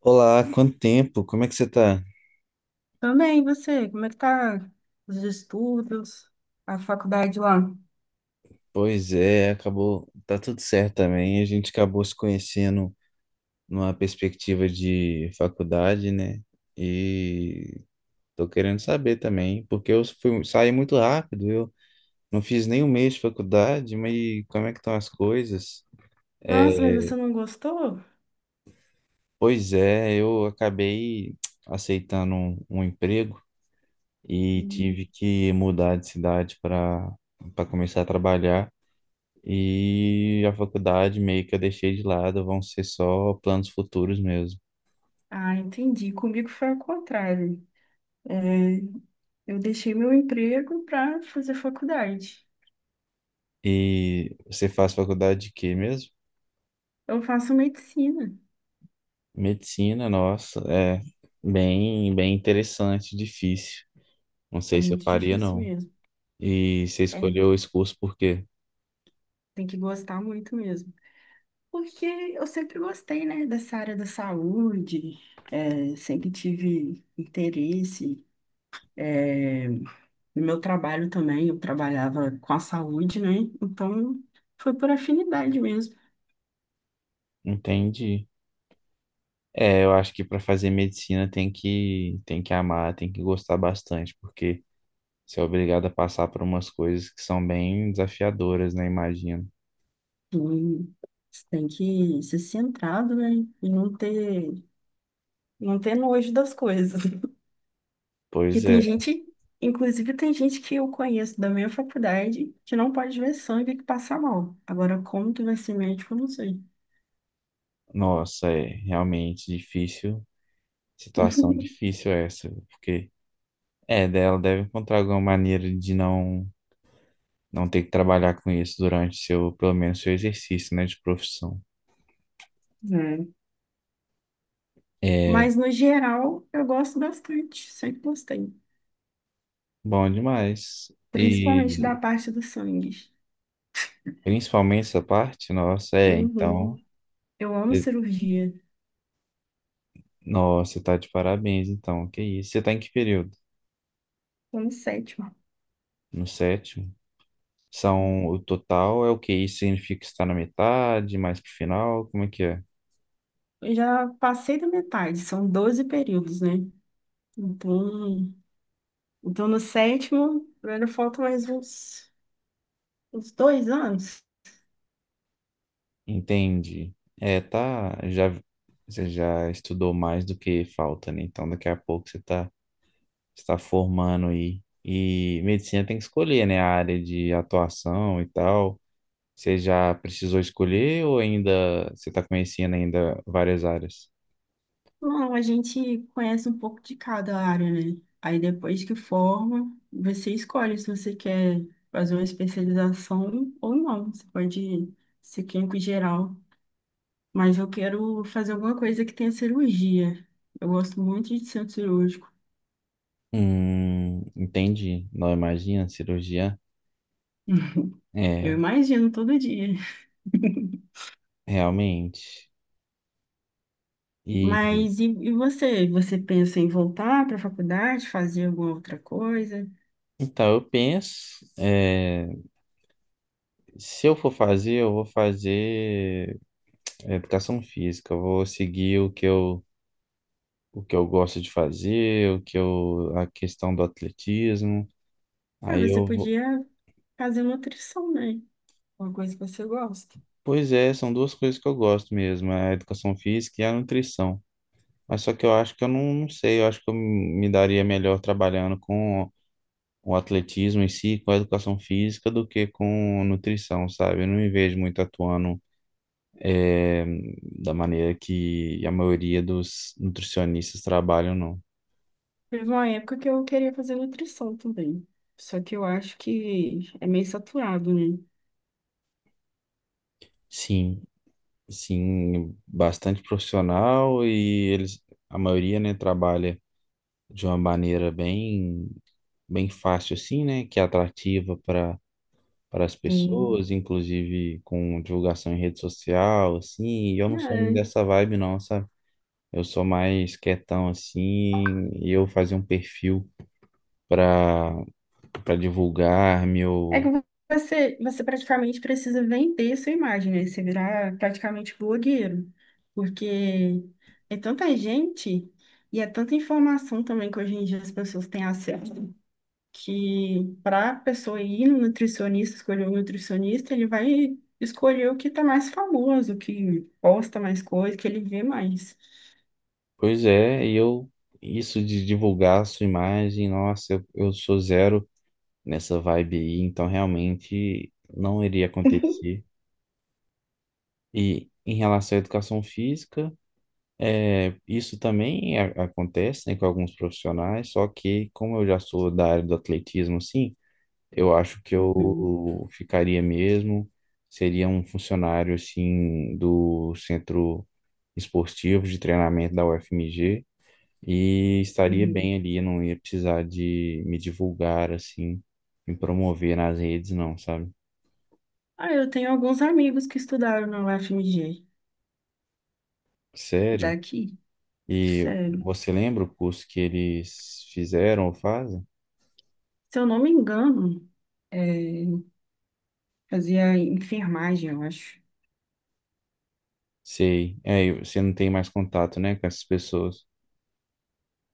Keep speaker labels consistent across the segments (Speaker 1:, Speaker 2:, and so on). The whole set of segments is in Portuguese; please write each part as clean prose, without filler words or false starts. Speaker 1: Olá, quanto tempo? Como é que você tá?
Speaker 2: Também, e você, como é que tá os estudos, a faculdade lá?
Speaker 1: Pois é, acabou, tá tudo certo também. A gente acabou se conhecendo numa perspectiva de faculdade, né? E tô querendo saber também, porque eu fui, saí muito rápido, eu não fiz nem um mês de faculdade, mas como é que estão as coisas?
Speaker 2: Nossa,
Speaker 1: É,
Speaker 2: mas você não gostou?
Speaker 1: Pois é, eu acabei aceitando um emprego e tive
Speaker 2: Hum.
Speaker 1: que mudar de cidade para começar a trabalhar. E a faculdade meio que eu deixei de lado, vão ser só planos futuros mesmo.
Speaker 2: Ah, entendi. Comigo foi ao contrário. É, eu deixei meu emprego para fazer faculdade.
Speaker 1: E você faz faculdade de quê mesmo?
Speaker 2: Eu faço medicina.
Speaker 1: Medicina, nossa, é bem interessante, difícil. Não
Speaker 2: É
Speaker 1: sei se eu
Speaker 2: muito
Speaker 1: faria,
Speaker 2: difícil
Speaker 1: não.
Speaker 2: mesmo.
Speaker 1: E você
Speaker 2: É,
Speaker 1: escolheu esse curso por quê?
Speaker 2: tem que gostar muito mesmo. Porque eu sempre gostei, né, dessa área da saúde. É, sempre tive interesse. é, No meu trabalho também, eu trabalhava com a saúde, né? Então, foi por afinidade mesmo.
Speaker 1: Entendi. É, eu acho que para fazer medicina tem que amar, tem que gostar bastante, porque você é obrigado a passar por umas coisas que são bem desafiadoras, né? Imagino.
Speaker 2: E você tem que ser centrado, né? E não ter nojo das coisas. Que
Speaker 1: Pois
Speaker 2: tem
Speaker 1: é.
Speaker 2: gente, Inclusive tem gente que eu conheço da minha faculdade que não pode ver sangue e que passa mal. Agora, como que vai ser médico, eu não sei.
Speaker 1: Nossa, é realmente difícil.
Speaker 2: É.
Speaker 1: Situação difícil essa, porque é dela deve encontrar alguma maneira de não ter que trabalhar com isso durante seu, pelo menos seu exercício, né, de profissão. É
Speaker 2: Mas, no geral, eu gosto bastante, sempre gostei.
Speaker 1: bom demais.
Speaker 2: Principalmente da
Speaker 1: E
Speaker 2: parte do sangue.
Speaker 1: principalmente essa parte, nossa, é, então,
Speaker 2: Uhum. Eu amo
Speaker 1: e-
Speaker 2: cirurgia.
Speaker 1: nossa, tá de parabéns, então. Que isso? Você tá em que período?
Speaker 2: Tô no sétimo.
Speaker 1: No sétimo? São o total é o que isso significa que está na metade, mais pro final, como é que é?
Speaker 2: Eu já passei da metade, são 12 períodos, né? Então, então no sétimo, ainda falta mais uns 2 anos.
Speaker 1: Entendi. É, tá, já você já estudou mais do que falta, né? Então daqui a pouco você está formando e medicina tem que escolher, né, a área de atuação e tal. Você já precisou escolher ou ainda você está conhecendo ainda várias áreas?
Speaker 2: Não, a gente conhece um pouco de cada área, né? Aí depois que forma, você escolhe se você quer fazer uma especialização ou não. Você pode ser clínico geral. Mas eu quero fazer alguma coisa que tenha cirurgia. Eu gosto muito de centro cirúrgico.
Speaker 1: Entendi. Não imagina cirurgia?
Speaker 2: Eu
Speaker 1: É,
Speaker 2: imagino todo dia.
Speaker 1: realmente. E
Speaker 2: Mas e você? Você pensa em voltar para a faculdade, fazer alguma outra coisa?
Speaker 1: então eu penso, é, se eu for fazer, eu vou fazer. É, educação física, eu vou seguir o que eu gosto de fazer, o que eu, a questão do atletismo.
Speaker 2: Ah,
Speaker 1: Aí
Speaker 2: você
Speaker 1: eu vou.
Speaker 2: podia fazer nutrição, né? Uma coisa que você gosta.
Speaker 1: Pois é, são duas coisas que eu gosto mesmo, é a educação física e a nutrição. Mas só que eu acho que eu não sei, eu acho que eu me daria melhor trabalhando com o atletismo em si, com a educação física, do que com nutrição, sabe? Eu não me vejo muito atuando eh, da maneira que a maioria dos nutricionistas trabalham, não.
Speaker 2: Teve uma época que eu queria fazer nutrição também. Só que eu acho que é meio saturado, né?
Speaker 1: Sim. Sim, bastante profissional e eles, a maioria, né, trabalha de uma maneira bem, bem fácil assim, né, que é atrativa para as
Speaker 2: Sim.
Speaker 1: pessoas, inclusive com divulgação em rede social, assim, e eu não sou muito dessa vibe não, sabe? Eu sou mais quietão assim, e eu fazer um perfil para para divulgar
Speaker 2: É que
Speaker 1: meu.
Speaker 2: você praticamente precisa vender sua imagem, né? Você virar praticamente blogueiro. Porque é tanta gente e é tanta informação também que hoje em dia as pessoas têm acesso, que para a pessoa ir no nutricionista, escolher o nutricionista, ele vai escolher o que está mais famoso, que posta mais coisa, que ele vê mais.
Speaker 1: Pois é, e eu isso de divulgar a sua imagem, nossa, eu sou zero nessa vibe aí, então realmente não iria acontecer. E em relação à educação física, é, isso também acontece, né, com alguns profissionais, só que como eu já sou da área do atletismo, assim, eu acho que
Speaker 2: Uhum,
Speaker 1: eu ficaria mesmo, seria um funcionário, assim, do centro esportivo de treinamento da UFMG, e estaria
Speaker 2: uhum.
Speaker 1: bem ali, eu não ia precisar de me divulgar, assim, me promover nas redes, não, sabe?
Speaker 2: Ah, eu tenho alguns amigos que estudaram na UFMG
Speaker 1: Sério?
Speaker 2: daqui,
Speaker 1: E
Speaker 2: sério.
Speaker 1: você lembra o curso que eles fizeram ou fazem?
Speaker 2: Se eu não me engano, é, fazia enfermagem, eu acho.
Speaker 1: Sei. É, e você não tem mais contato, né, com essas pessoas.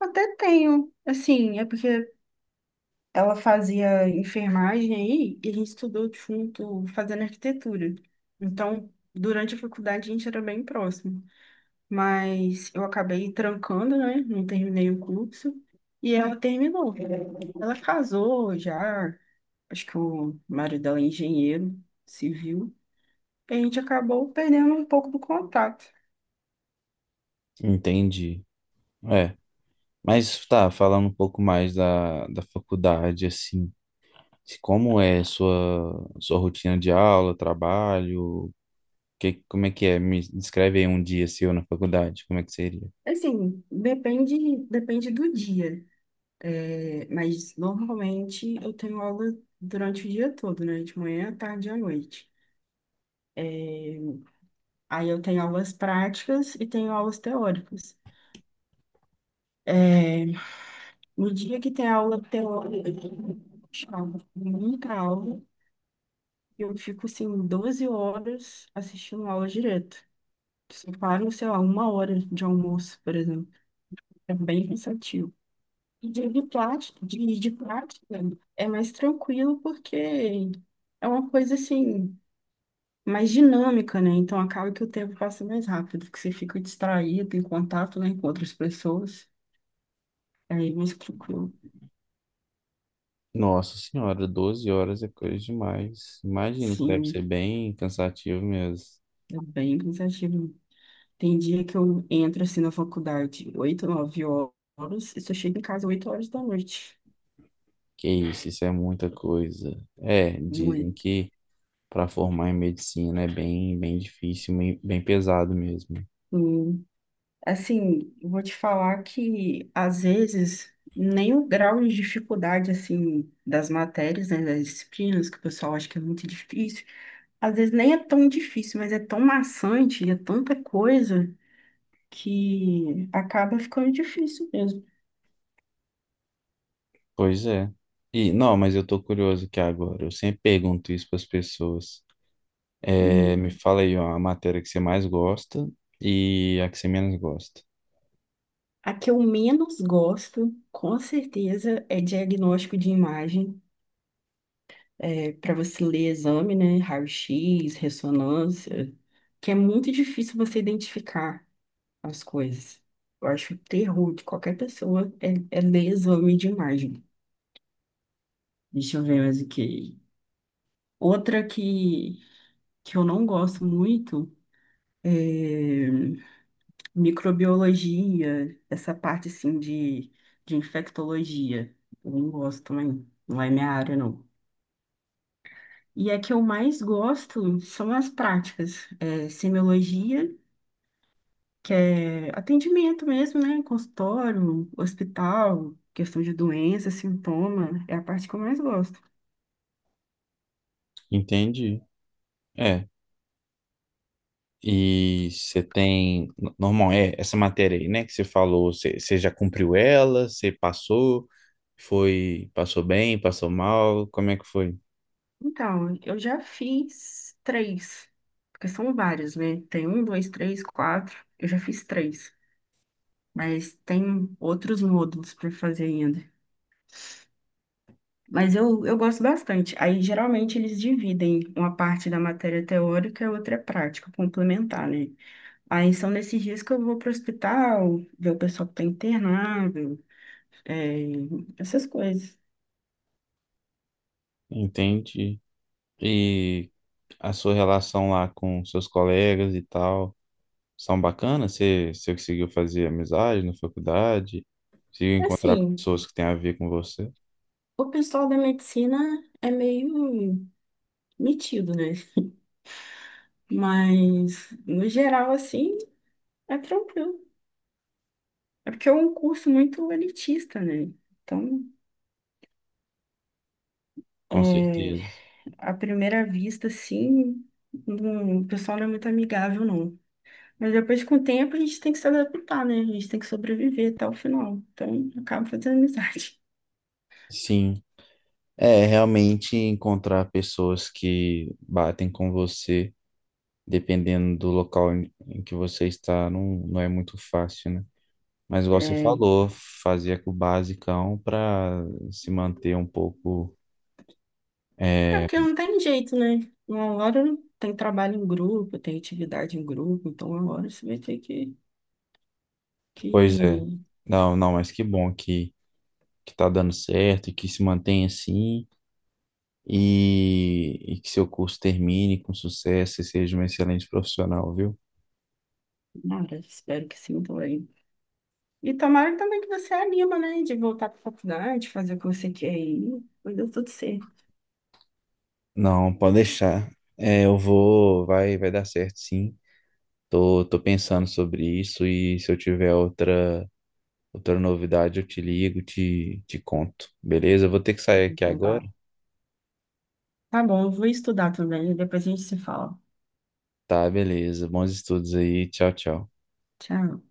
Speaker 2: Até tenho, assim, é porque ela fazia enfermagem aí e a gente estudou junto fazendo arquitetura. Então, durante a faculdade a gente era bem próximo, mas eu acabei trancando, né? Não terminei o curso e ela terminou. Ela casou já, acho que o marido dela é engenheiro civil. E a gente acabou perdendo um pouco do contato.
Speaker 1: Entendi. É. Mas tá, falando um pouco mais da faculdade, assim, como é a sua rotina de aula, trabalho, que, como é que é? Me descreve aí um dia seu na faculdade, como é que seria?
Speaker 2: Assim, depende do dia. É, mas normalmente eu tenho aula durante o dia todo, né? De manhã, à tarde e à noite. É, Aí eu tenho aulas práticas e tenho aulas teóricas. É, no dia que tem aula teórica, chama muita aula, eu fico assim 12 horas assistindo aula direto. Só paro, sei lá, 1 hora de almoço, por exemplo. É bem cansativo. E dia de prática, de prática é mais tranquilo porque é uma coisa assim, mais dinâmica, né? Então acaba que o tempo passa mais rápido, porque você fica distraído em contato, né, com outras pessoas. Aí é mais tranquilo.
Speaker 1: Nossa senhora, 12 horas é coisa demais. Imagino que deve ser
Speaker 2: Sim,
Speaker 1: bem cansativo mesmo.
Speaker 2: é bem cansativo. Tem dia que eu entro assim na faculdade, 8, 9 horas, e só chego em casa 8 horas da noite.
Speaker 1: Que isso é muita coisa. É, dizem
Speaker 2: Muito.
Speaker 1: que para formar em medicina é bem, bem difícil, bem, bem pesado mesmo.
Speaker 2: Hum. Assim, eu vou te falar que às vezes nem o grau de dificuldade assim das matérias, né, das disciplinas que o pessoal acha que é muito difícil. Às vezes nem é tão difícil, mas é tão maçante, é tanta coisa que acaba ficando difícil mesmo.
Speaker 1: Pois é. E não, mas eu tô curioso aqui agora. Eu sempre pergunto isso para as pessoas. É,
Speaker 2: Hum.
Speaker 1: me fala aí ó, a matéria que você mais gosta e a que você menos gosta.
Speaker 2: A que eu menos gosto, com certeza, é diagnóstico de imagem, para você ler exame, né? Raio-x, ressonância, que é muito difícil você identificar as coisas. Eu acho o terror de qualquer pessoa é, é ler exame de imagem. Deixa eu ver mais o que. Outra que eu não gosto muito. eh, Microbiologia, essa parte assim de infectologia. Eu não gosto também, não é minha área, não. E a que eu mais gosto são as práticas, semiologia, que é atendimento mesmo, né? Consultório, hospital, questão de doença, sintoma, é a parte que eu mais gosto.
Speaker 1: Entendi. É. E você tem. Normal, é essa matéria aí, né? Que você falou, você já cumpriu ela, você passou, foi, passou bem, passou mal, como é que foi?
Speaker 2: Então, eu já fiz três, porque são vários, né? Tem um, dois, três, quatro, eu já fiz três. Mas tem outros módulos para fazer ainda. Mas eu gosto bastante. Aí, geralmente, eles dividem uma parte da matéria teórica e outra é prática, complementar, né? Aí, são nesses dias que eu vou para o hospital, ver o pessoal que está internado, é, essas coisas.
Speaker 1: Entende. E a sua relação lá com seus colegas e tal, são bacanas? Você conseguiu fazer amizade na faculdade? Conseguiu encontrar
Speaker 2: Assim,
Speaker 1: pessoas que têm a ver com você?
Speaker 2: o pessoal da medicina é meio metido, né? Mas, no geral, assim, é tranquilo. É porque é um curso muito elitista, né? Então,
Speaker 1: Com
Speaker 2: é
Speaker 1: certeza.
Speaker 2: à primeira vista, assim, o pessoal não é muito amigável, não. Mas depois, com o tempo, a gente tem que se adaptar, né? A gente tem que sobreviver até o final. Então, acaba fazendo amizade.
Speaker 1: Sim. É, realmente encontrar pessoas que batem com você, dependendo do local em que você está, não é muito fácil, né? Mas igual você
Speaker 2: É,
Speaker 1: falou, fazia com o basicão para se manter um pouco
Speaker 2: é,
Speaker 1: é.
Speaker 2: porque não tem jeito, né? Uma hora tem trabalho em grupo, tem atividade em grupo, então uma hora você vai ter que,
Speaker 1: Pois é.
Speaker 2: que...
Speaker 1: Não, não, mas que bom que tá dando certo e que se mantenha assim e que seu curso termine com sucesso e seja um excelente profissional, viu?
Speaker 2: Nada, espero que sim também. E tomara também que você anima, né? De voltar para faculdade, fazer o que você quer aí. Mas deu tudo certo.
Speaker 1: Não, pode deixar. É, eu vou, vai, vai dar certo, sim. Tô, tô pensando sobre isso e se eu tiver outra, outra novidade, eu te ligo, te conto. Beleza? Eu vou ter que sair aqui
Speaker 2: Então
Speaker 1: agora.
Speaker 2: tá. Tá bom, eu vou estudar também, depois a gente se fala.
Speaker 1: Tá, beleza. Bons estudos aí. Tchau, tchau.
Speaker 2: Tchau.